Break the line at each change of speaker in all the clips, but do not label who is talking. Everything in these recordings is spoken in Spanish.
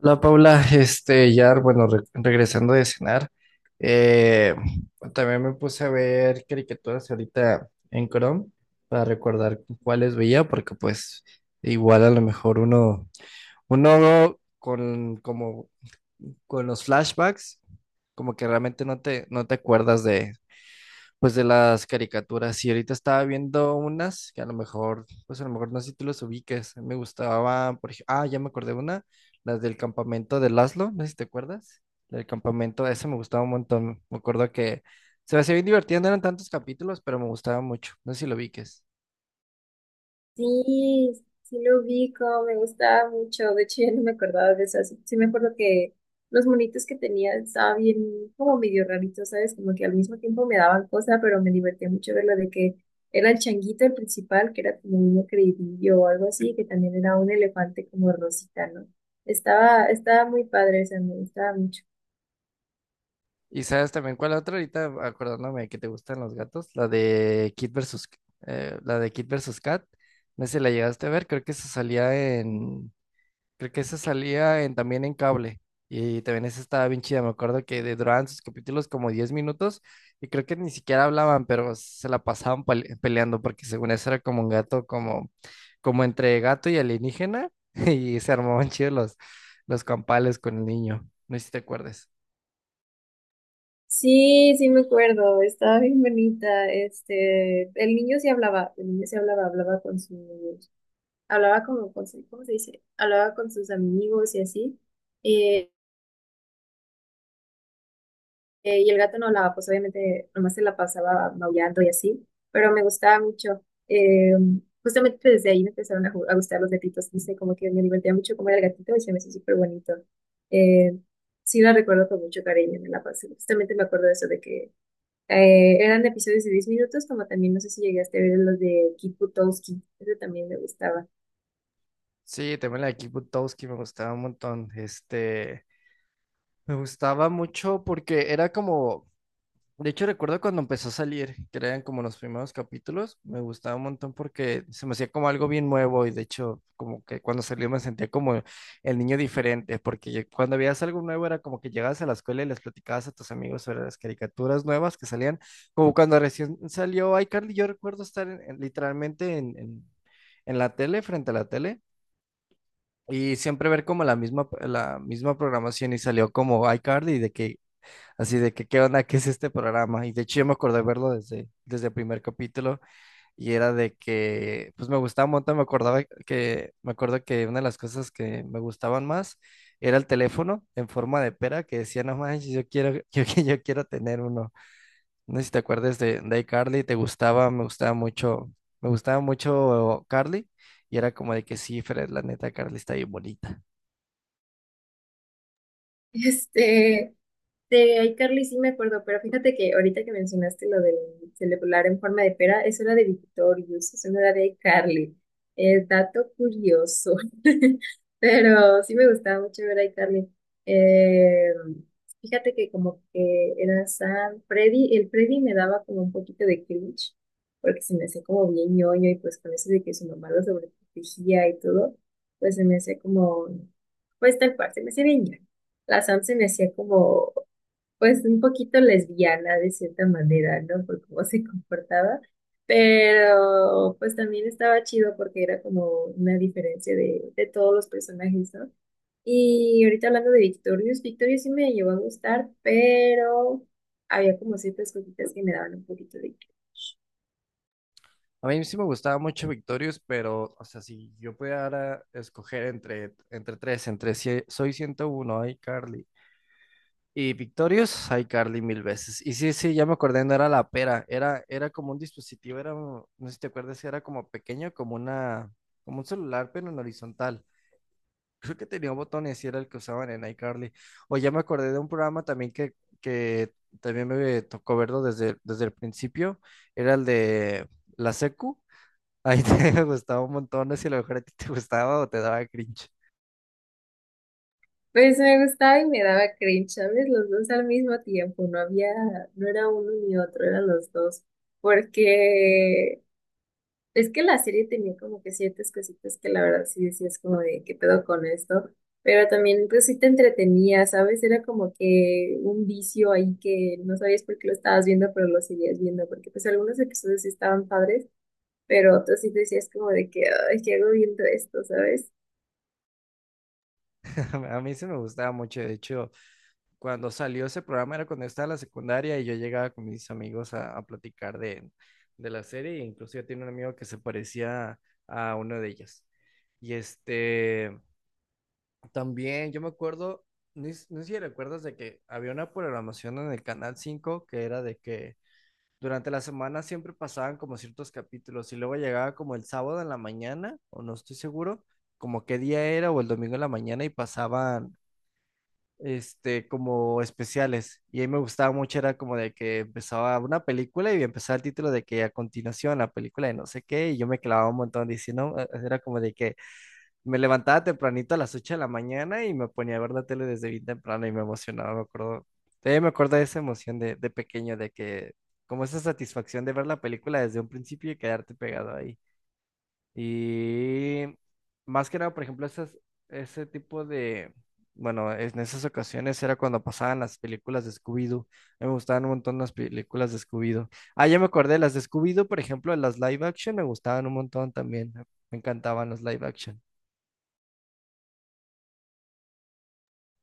Hola Paula, ya, bueno, regresando de cenar. eh, También me puse a ver caricaturas ahorita en Chrome para recordar cuáles veía, porque pues igual a lo mejor uno con, como, con los flashbacks, como que realmente no te acuerdas de, pues de las caricaturas, y ahorita estaba viendo unas que a lo mejor, pues a lo mejor no sé si tú los ubiques. Me gustaba, por ejemplo, ah, ya me acordé de una, las del campamento de Laszlo, no sé si te acuerdas. La del campamento, esa me gustaba un montón. Me acuerdo que se me hacía bien divertida, no eran tantos capítulos, pero me gustaba mucho. No sé si lo ubiques.
Sí, sí lo ubico, me gustaba mucho. De hecho, ya no me acordaba de eso. Sí, sí me acuerdo que los monitos que tenía estaban bien, como medio raritos, ¿sabes? Como que al mismo tiempo me daban cosas, pero me divertía mucho ver lo de que era el changuito el principal, que era como un creidillo o algo así, que también era un elefante como rosita, ¿no? Estaba muy padre, o sea, me gustaba mucho.
Y sabes también cuál otra ahorita, acordándome que te gustan los gatos, la de Kid versus Cat. No sé si la llegaste a ver, creo que se salía en. Creo que esa salía también en cable. Y también esa estaba bien chida. Me acuerdo que duraban sus capítulos como 10 minutos y creo que ni siquiera hablaban, pero se la pasaban peleando porque según eso era como un gato, como entre gato y alienígena y se armaban chidos los campales con el niño. No sé si te acuerdas.
Sí, sí me acuerdo, estaba bien bonita. Este, el niño sí hablaba, el niño sí hablaba, hablaba con sus hablaba como con su, ¿cómo se dice? Hablaba con sus amigos y así. eh, y el gato no hablaba, pues obviamente nomás se la pasaba maullando y así, pero me gustaba mucho. eh, Justamente pues, desde ahí me empezaron a gustar los gatitos, no sé, como que me divertía mucho comer al gatito y se me hizo súper bonito. Eh, sí la recuerdo con mucho cariño, me la pasé. Justamente me acuerdo de eso, de que eran episodios de 10 minutos, como también no sé si llegaste a ver los de Kip Butowski, ese también me gustaba.
Sí, también la de Kick Buttowski me gustaba un montón. Me gustaba mucho porque era como. De hecho, recuerdo cuando empezó a salir, que eran como los primeros capítulos, me gustaba un montón porque se me hacía como algo bien nuevo y de hecho, como que cuando salió me sentía como el niño diferente, porque cuando veías algo nuevo era como que llegabas a la escuela y les platicabas a tus amigos sobre las caricaturas nuevas que salían, como cuando recién salió iCarly. Yo recuerdo estar literalmente en la tele, frente a la tele. Y siempre ver como la misma programación y salió como iCarly de que. Así de que, ¿qué onda? ¿Qué es este programa? Y de hecho yo me acordé verlo desde el primer capítulo y era de que, pues me gustaba un montón, me acuerdo que una de las cosas que me gustaban más era el teléfono en forma de pera que decía, no manches, yo quiero, yo quiero tener uno. No sé si te acuerdas de iCarly, te gustaba, me gustaba mucho Carly y era como de que sí, Fred, la neta, Carly está bien bonita.
Este, de iCarly sí me acuerdo, pero fíjate que ahorita que mencionaste lo del celular en forma de pera, eso era de Victorious, eso no era de iCarly. Dato curioso. Pero sí me gustaba mucho ver a iCarly. Eh, Fíjate que como que era San Freddy, el Freddy me daba como un poquito de cringe, porque se me hacía como bien ñoño y pues con eso de que su mamá lo sobreprotegía y todo, pues se me hacía como, pues tal cual, se me hacía bien ñoño. La Sam se me hacía como pues un poquito lesbiana de cierta manera, ¿no? Por cómo se comportaba, pero pues también estaba chido porque era como una diferencia de todos los personajes, ¿no? Y ahorita hablando de Victorious, sí me llegó a gustar, pero había como ciertas cositas que me daban un poquito de cringe.
A mí sí me gustaba mucho Victorious, pero, o sea, si yo pudiera escoger entre tres, entre si- Soy 101, iCarly, y Victorious, iCarly mil veces. Y sí, sí, ya me acordé, no era la pera, era como un dispositivo, no sé si te acuerdas, si era como pequeño, como una, como un celular, pero en horizontal. Creo que tenía botones y era el que usaban en iCarly. O ya me acordé de un programa también que también me tocó verlo desde el principio, era el de la secu ahí te gustaba un montón, no sé si a lo mejor a ti te gustaba o te daba cringe.
Pues me gustaba y me daba cringe, ¿sabes? Los dos al mismo tiempo, no había, no era uno ni otro, eran los dos porque es que la serie tenía como que ciertas cositas que la verdad sí decías como de qué pedo con esto, pero también pues sí te entretenía, ¿sabes? Era como que un vicio ahí que no sabías por qué lo estabas viendo, pero lo seguías viendo, porque pues algunos episodios sí estaban padres, pero otros sí decías como de que, ay, ¿qué hago viendo esto, ¿sabes?
A mí sí me gustaba mucho, de hecho, cuando salió ese programa era cuando estaba en la secundaria y yo llegaba con mis amigos a platicar de la serie, e incluso yo tenía un amigo que se parecía a uno de ellas. Y este, también yo me acuerdo, no sé si recuerdas de que había una programación en el Canal 5 que era de que durante la semana siempre pasaban como ciertos capítulos y luego llegaba como el sábado en la mañana, o no estoy seguro, como qué día era o el domingo en la mañana y pasaban este como especiales y a mí me gustaba mucho era como de que empezaba una película y empezaba el título de que a continuación la película de no sé qué y yo me clavaba un montón diciendo, era como de que me levantaba tempranito a las 8 de la mañana y me ponía a ver la tele desde bien temprano y me emocionaba, me acuerdo. Todavía me acuerdo de esa emoción de pequeño, de que, como esa satisfacción de ver la película desde un principio y quedarte pegado ahí. Y más que nada, por ejemplo, esas, ese tipo de, bueno, en esas ocasiones era cuando pasaban las películas de Scooby-Doo. A mí me gustaban un montón las películas de Scooby-Doo. Ah, ya me acordé, las de Scooby-Doo, por ejemplo, las live action me gustaban un montón también. Me encantaban las live action.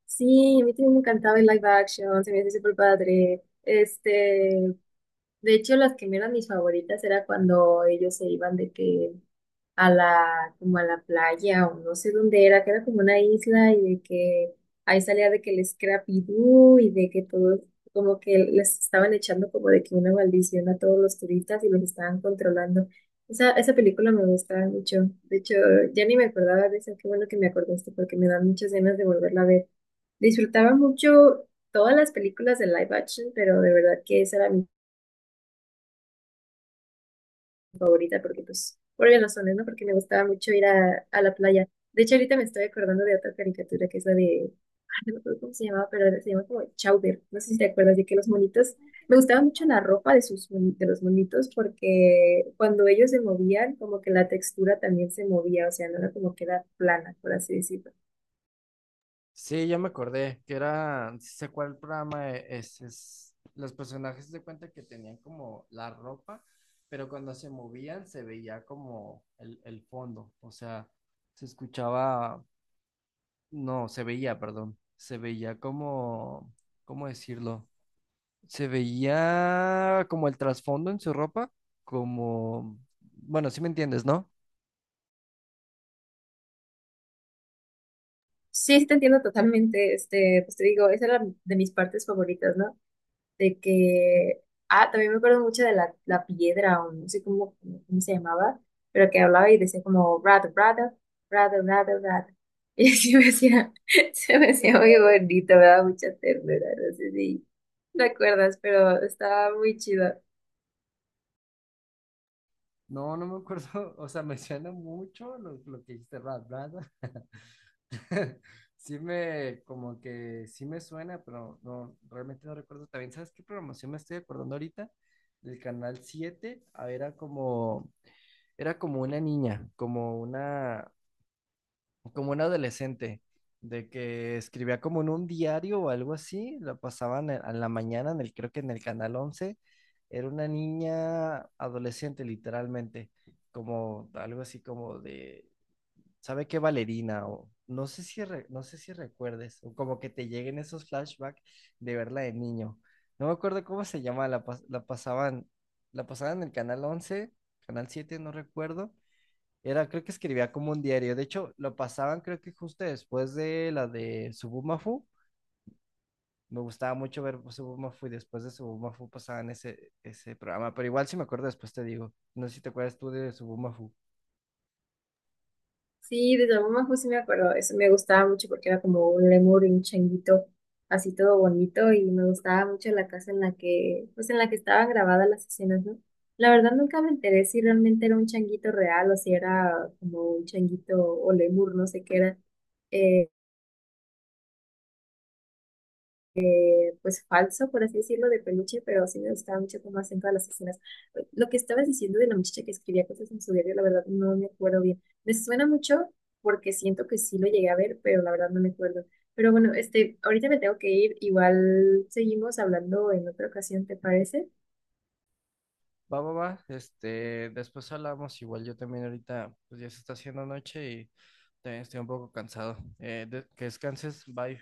Sí, a mí también me encantaba el live action, se me hacía súper padre. De hecho, las que me eran mis favoritas era cuando ellos se iban de que a la, como a la playa o no sé dónde era, que era como una isla y de que ahí salía de que el Scrappy Doo y de que todos como que les estaban echando como de que una maldición a todos los turistas y los estaban controlando. Esa película me gustaba mucho. De hecho, ya ni me acordaba de esa. Qué bueno que me acordaste porque me dan muchas ganas de volverla a ver. Disfrutaba mucho todas las películas de live action, pero de verdad que esa era mi favorita porque, pues, por obvias razones, ¿no? Porque me gustaba mucho ir a la playa. De hecho, ahorita me estoy acordando de otra caricatura que es la de, ay, no me acuerdo cómo se llamaba, pero se llama como Chowder. No sé si te acuerdas de que los monitos, me gustaba mucho la ropa de de los monitos porque cuando ellos se movían, como que la textura también se movía, o sea, no era como que era plana, por así decirlo.
Sí, ya me acordé, que era, sí sé cuál programa es, los personajes de cuenta que tenían como la ropa, pero cuando se movían se veía como el fondo, o sea, se escuchaba, no, se veía, perdón, se veía como, ¿cómo decirlo? Se veía como el trasfondo en su ropa, como, bueno, sí me entiendes, ¿no?
Sí, sí te entiendo totalmente, este, pues te digo, esa era de mis partes favoritas, ¿no? De que, ah, también me acuerdo mucho de la piedra, o no sé cómo, cómo se llamaba, pero que hablaba y decía como, rato, rato, rato, rato, rato. Y así me hacía, se me hacía muy bonito, me daba mucha ternura, no sé si te acuerdas, pero estaba muy chido.
No, no me acuerdo, o sea, me suena mucho lo que dijiste, Rat Brand. Sí me, como que sí me suena, pero no, realmente no recuerdo. También, ¿sabes qué programación me estoy acordando ahorita? Del canal 7. Ah, era como una niña, como una, como un adolescente, de que escribía como en un diario o algo así, la pasaban a la mañana, en el, creo que en el Canal 11. Era una niña adolescente literalmente, como algo así como de, ¿sabe qué? Valerina, o no sé si, no sé si recuerdes, o como que te lleguen esos flashbacks de verla de niño. No me acuerdo cómo se llama, la, la pasaban en el Canal 11. Canal 7 no recuerdo. Era, creo que escribía como un diario. De hecho, lo pasaban, creo que justo después de la de Subumafu. Me gustaba mucho ver Subumafu y después de Subumafu pasaban ese programa. Pero igual si me acuerdo después te digo. No sé si te acuerdas tú de Subumafu.
Sí, de Yamamojo sí me acuerdo, eso me gustaba mucho porque era como un lemur y un changuito, así todo bonito y me gustaba mucho la casa en la que, pues en la que estaban grabadas las escenas, ¿no? La verdad nunca me enteré si realmente era un changuito real o si era como un changuito o lemur, no sé qué era. eh, pues falso, por así decirlo, de peluche, pero sí me gustaba mucho cómo hacen todas las escenas. Lo que estabas diciendo de la muchacha que escribía cosas en su diario, la verdad no me acuerdo bien. Me suena mucho porque siento que sí lo llegué a ver, pero la verdad no me acuerdo. Pero bueno, este, ahorita me tengo que ir, igual seguimos hablando en otra ocasión, ¿te parece?
Va, va, va. Este, después hablamos. Igual yo también ahorita, pues ya se está haciendo noche y también estoy un poco cansado. Que descanses. Bye.